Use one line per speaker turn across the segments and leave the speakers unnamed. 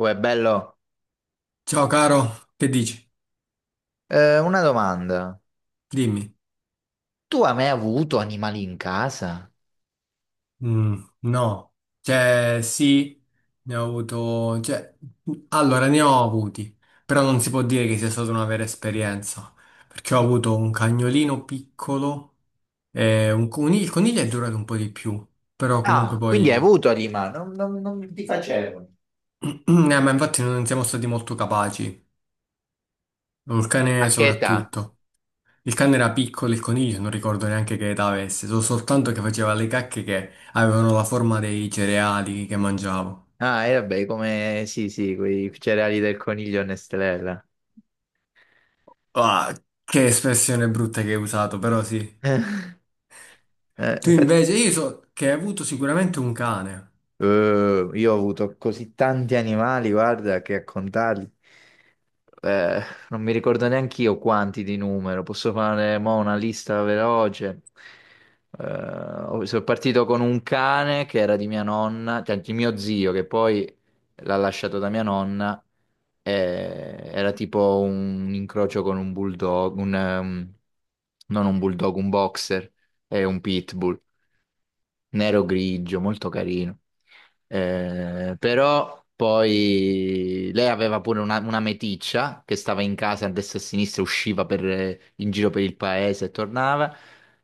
Uè, bello.
Ciao caro, che dici?
Una domanda.
Dimmi.
Tu hai mai avuto animali in casa?
No, cioè sì, ne ho avuto, allora ne ho avuti, però non si può dire che sia stata una vera esperienza, perché ho
I-
avuto un cagnolino piccolo e un coniglio. Il coniglio è durato un po' di più, però comunque
Ah, quindi hai
poi,
avuto animali? Non ti facevo.
eh, ma infatti non siamo stati molto capaci, il
A
cane
che età?
soprattutto. Il cane era piccolo, il coniglio non ricordo neanche che età avesse, so soltanto che faceva le cacche che avevano la forma dei cereali che mangiavo.
Ah, e vabbè, come sì, sì, quei cereali del coniglio Nestrella.
Ah, che espressione brutta che hai usato, però sì. Tu
Infatti,
invece, io so che hai avuto sicuramente un cane.
io ho avuto così tanti animali, guarda, che a contarli. Eh, Non mi ricordo neanche io quanti di numero, posso fare mo, una lista veloce. Sono partito con un cane che era di mia nonna, cioè di mio zio, che poi l'ha lasciato da mia nonna. Era tipo un incrocio con un bulldog, non un bulldog, un boxer e un pitbull nero grigio, molto carino. Però poi lei aveva pure una meticcia che stava in casa a destra e a sinistra, usciva in giro per il paese e tornava.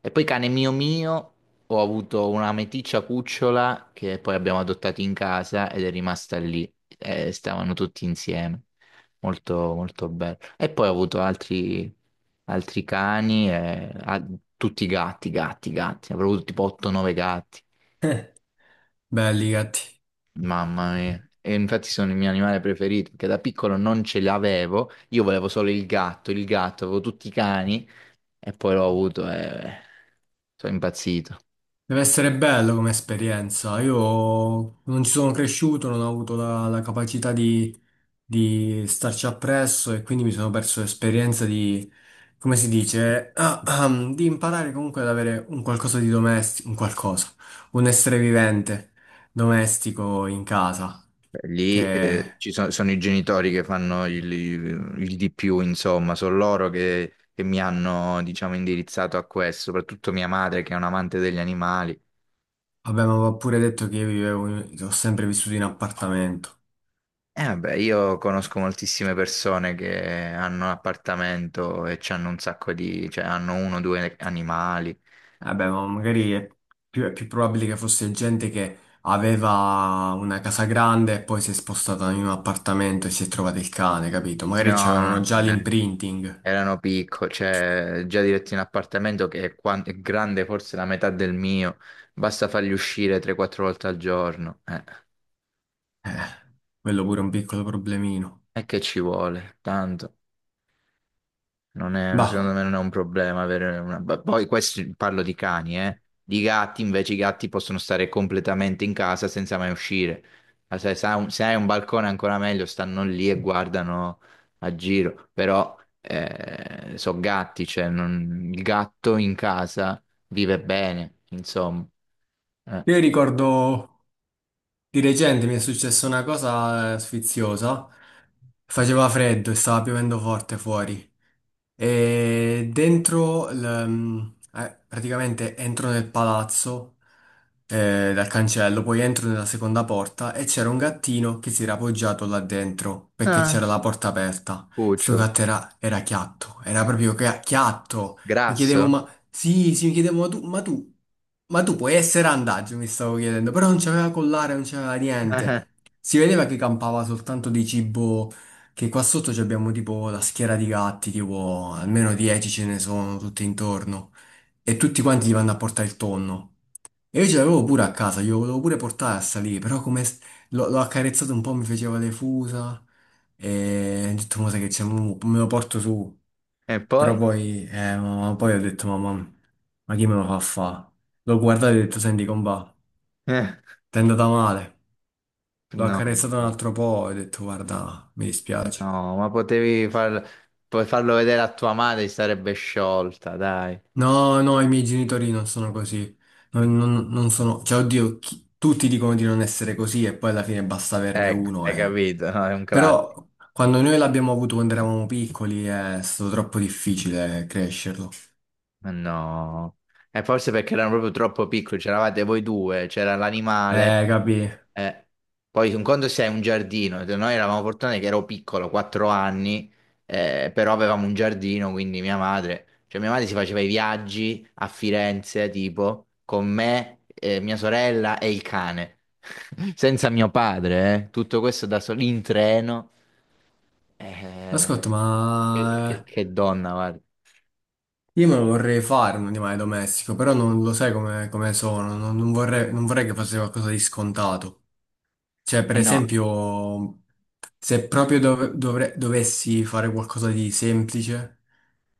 E poi cane mio mio, ho avuto una meticcia cucciola che poi abbiamo adottato in casa ed è rimasta lì. Stavano tutti insieme. Molto, molto bello. E poi ho avuto altri cani, tutti gatti, gatti, gatti. Avrò avuto tipo 8-9 gatti.
Belli i gatti.
Mamma mia. E infatti sono il mio animale preferito, perché da piccolo non ce l'avevo, io volevo solo il gatto, avevo tutti i cani e poi l'ho avuto e sono impazzito.
Deve essere bello come esperienza. Io non ci sono cresciuto, non ho avuto la capacità di starci appresso e quindi mi sono perso l'esperienza di, come si dice, di imparare comunque ad avere un qualcosa di domestico, un qualcosa, un essere vivente domestico in casa.
Lì,
Che
sono i genitori che fanno il di più, insomma, sono loro che mi hanno, diciamo, indirizzato a questo, soprattutto mia madre che è un amante degli animali.
abbiamo pure detto che io vivevo, ho sempre vissuto in appartamento.
E vabbè, io conosco moltissime persone che hanno un appartamento e ci hanno un sacco di, cioè hanno uno o due animali.
Vabbè, ma magari è più probabile che fosse gente che aveva una casa grande e poi si è spostata in un appartamento e si è trovata il cane, capito? Magari
No, no,
c'avevano già
eh,
l'imprinting.
erano piccoli, cioè già diretti in appartamento che è, è grande forse la metà del mio, basta farli uscire 3-4 volte al giorno,
Eh, quello pure è un piccolo problemino.
e che ci vuole, tanto. Non è- No,
Bah,
secondo me non è un problema avere una, poi questi, parlo di cani, eh. Di gatti, invece i gatti possono stare completamente in casa senza mai uscire. Ma se hai un balcone ancora meglio, stanno lì e guardano a giro. Però, sono gatti, cioè il gatto in casa vive bene, insomma. Eh.
io ricordo di recente mi è successa una cosa sfiziosa. Faceva freddo e stava piovendo forte fuori. E dentro, praticamente entro nel palazzo dal cancello, poi entro nella seconda porta e c'era un gattino che si era appoggiato là dentro perché
Ah,
c'era la porta aperta. Sto
cucciolo.
gatto era chiatto, era proprio chiatto. Mi chiedevo,
Grasso?
ma sì, sì, mi chiedevo, ma tu puoi essere andaggio, mi stavo chiedendo, però non c'aveva collare, non c'aveva niente. Si vedeva che campava soltanto di cibo, che qua sotto ci abbiamo tipo la schiera di gatti, tipo almeno 10 ce ne sono tutti intorno. E tutti quanti gli vanno a portare il tonno. E io ce l'avevo pure a casa, glielo volevo pure portare a salire, però l'ho accarezzato un po', mi faceva le fusa. E ho detto, ma sai che c'è, mo me lo porto su.
E
Però
poi?
poi, ma poi ho detto, mamma, ma chi me lo fa fa? L'ho guardato e ho detto, senti, comba,
Eh,
ti è andata male. L'ho
No.
accarezzato un altro po' e ho detto, guarda, mi dispiace.
No, puoi farlo vedere a tua madre, si sarebbe sciolta, dai.
No, no, i miei genitori non sono così. Non sono, cioè, oddio, tutti dicono di non essere così e poi alla fine basta averne
Ecco,
uno.
hai
E...
capito, no? È un classico.
Però quando noi l'abbiamo avuto quando eravamo piccoli, è stato troppo difficile crescerlo.
No, e forse perché erano proprio troppo piccoli, c'eravate voi due, c'era l'animale.
Capì?
Eh, Poi un conto se hai un giardino, noi eravamo fortunati che ero piccolo, 4 anni, però avevamo un giardino, quindi mia madre, cioè mia madre si faceva i viaggi a Firenze, tipo, con me, mia sorella e il cane, senza mio padre, eh. Tutto questo da soli in treno, eh,
Ascolta,
che,
ma
che- che donna, guarda.
io me lo vorrei fare un animale domestico, però non lo sai come, come sono. Non vorrei, non vorrei che fosse qualcosa di scontato. Cioè, per
Eh no.
esempio, se proprio dovessi fare qualcosa di semplice,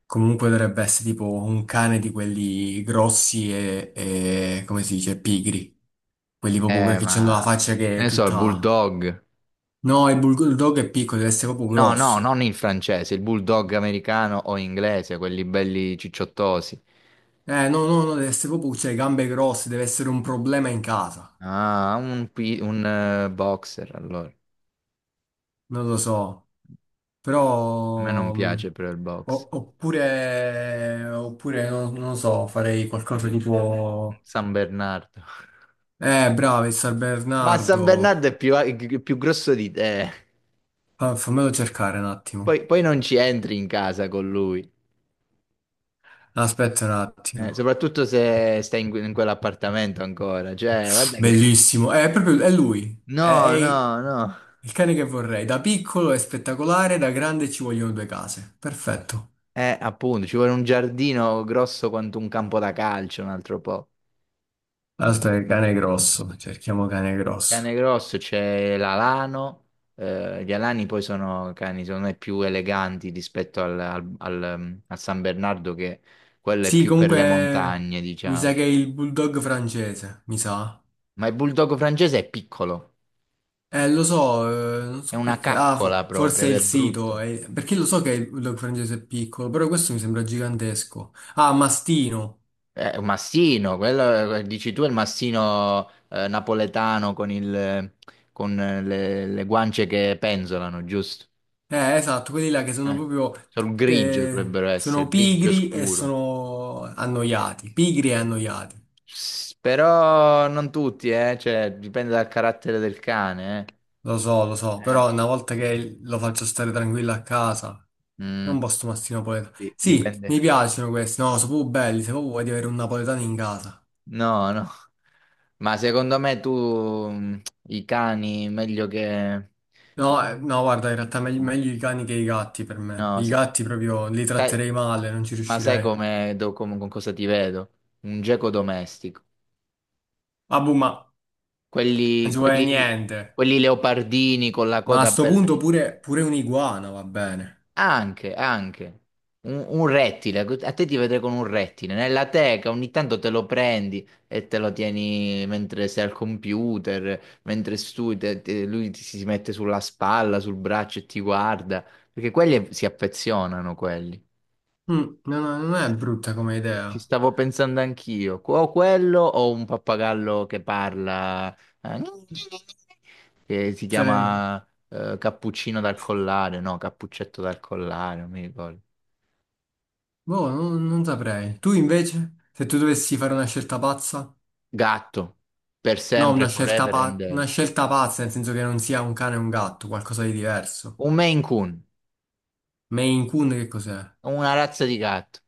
comunque dovrebbe essere tipo un cane di quelli grossi e, come si dice, pigri. Quelli proprio che c'hanno la
Ma
faccia che
che
è
ne so, il
tutta...
bulldog.
No, il bulldog è piccolo, deve essere proprio
No, no,
grosso.
non il francese, il bulldog americano o inglese, quelli belli cicciottosi.
No, no, no, deve essere proprio, cioè, gambe grosse, deve essere un problema in casa.
Ah, un, boxer allora. A
Non lo so,
me non
però...
piace però il box.
Oppure, oppure non lo so, farei qualcosa tipo...
San Bernardo.
Bravo, il San
Ma San Bernardo
Bernardo.
è più grosso di te.
Fammelo cercare un attimo.
Poi non ci entri in casa con lui.
Aspetta un attimo.
Soprattutto se stai in, in quell'appartamento ancora. Cioè, guarda che.
Bellissimo. È lui.
No,
È
no, no.
il cane che vorrei. Da piccolo è spettacolare, da grande ci vogliono due case. Perfetto.
Appunto, ci vuole un giardino grosso quanto un campo da calcio, un altro po'.
Aspetta, il cane grosso. Cerchiamo cane
Cane
grosso.
grosso c'è l'alano, gli alani poi sono cani, secondo me, più eleganti rispetto al San Bernardo, che quello è
Sì,
più per le
comunque
montagne,
mi sa
diciamo.
che è il bulldog francese, mi sa.
Ma il bulldog francese è piccolo,
Lo so, non
è
so
una
perché. Ah,
caccola proprio,
forse è
ed
il
è
sito,
brutto.
perché lo so che il log francese è piccolo, però questo mi sembra gigantesco. Ah, mastino.
È un mastino, quello, dici tu è il mastino, napoletano con le guance che penzolano, giusto?
Esatto, quelli là che sono
Eh,
proprio
Sono grigio dovrebbero essere,
sono
grigio
pigri e
scuro.
sono annoiati, pigri e annoiati.
Però non tutti, cioè, dipende dal carattere del cane,
Lo so,
eh. Eh,
però una volta che lo faccio stare tranquillo a casa, è un
mm,
posto mastino napoletano. Sì,
Dipende.
mi piacciono questi, no, sono proprio belli, se proprio vuoi di avere un napoletano in casa.
No, no. Ma secondo me tu, mm, i cani meglio che.
No, no, guarda, in realtà meglio,
No,
meglio i cani che i gatti per me.
no,
I gatti proprio li
sai-
tratterei male, non ci
ma sai
riuscirei.
con cosa ti vedo? Un geco domestico.
Ah, boh, ma non
Quelli,
ci vuole
quelli,
niente.
quelli leopardini con la
Ma a
coda
sto
bella
punto
ciccia.
pure, pure un'iguana va bene.
Anche, anche. Un rettile, ecco, a te ti vedrei con un rettile, nella teca ogni tanto te lo prendi e te lo tieni mentre sei al computer, mentre studi, lui ti, si mette sulla spalla, sul braccio e ti guarda, perché quelli si affezionano, quelli.
Mm, no, no, non è brutta come
Ci
idea.
stavo pensando anch'io. O quello o un pappagallo che parla, eh, che si
Sarebbe.
chiama, cappuccino dal collare, no, cappuccetto dal collare, non mi ricordo.
Boh, non saprei. Tu invece, se tu dovessi fare una scelta pazza?
Gatto, per
No,
sempre,
una scelta,
forever and
una
ever.
scelta pazza, nel senso che non sia un cane e un gatto, qualcosa di diverso.
Un Maine Coon,
Maine Coon che cos'è?
una razza di gatto,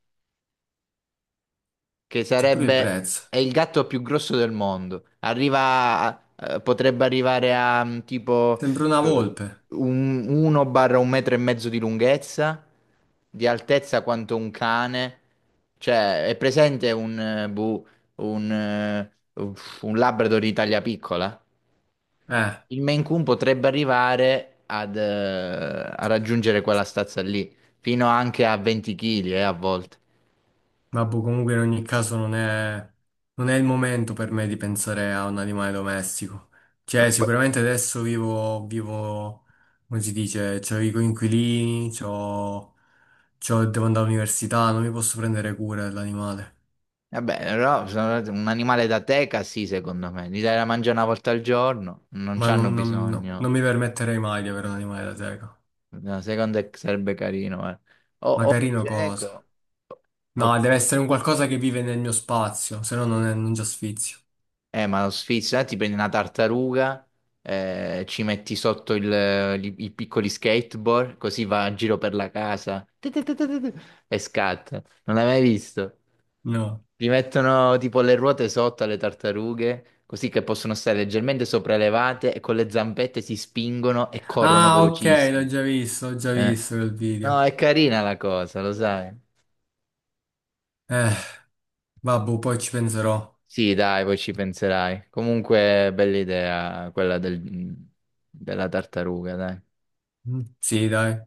che
C'è pure il
sarebbe,
prezzo.
è il gatto più grosso del mondo. Arriva, potrebbe arrivare a, tipo,
Sembra una
eh,
volpe.
un 1 barra un metro e mezzo di lunghezza, di altezza quanto un cane. Cioè, è presente un, un, eh, un Labrador di taglia piccola?
Eh.
Il Maine Coon potrebbe arrivare a raggiungere quella stazza lì, fino anche a 20 kg, a volte.
Vabbè, comunque in ogni caso non è il momento per me di pensare a un animale domestico. Cioè,
Poi-
sicuramente adesso vivo, come si dice, c'ho i coinquilini, devo andare all'università, non mi posso prendere cura dell'animale.
Vabbè, però, un animale da teca, sì, secondo me. Gli dai da mangiare una volta al giorno, non c'hanno
No,
bisogno.
non mi permetterei mai di avere un animale da teca.
No, secondo me sarebbe carino, eh. O,
Ma
o il
carino cosa?
geco. o-
No, deve essere un qualcosa che vive nel mio spazio, se no non già sfizio.
Ma lo sfizi, là ti prendi una tartaruga, ci metti sotto i piccoli skateboard, così va a giro per la casa. Ti, e scatta. Non l'hai mai visto?
No.
Gli mettono tipo le ruote sotto alle tartarughe, così che possono stare leggermente sopraelevate e con le zampette si spingono e corrono
Ah, ok,
velocissimi.
l'ho già
Eh.
visto quel video.
No, è carina la cosa, lo sai.
Eh. Vabbè, poi ci penserò.
Sì, dai, poi ci penserai. Comunque, bella idea quella della tartaruga, dai.
Mm, sì, dai.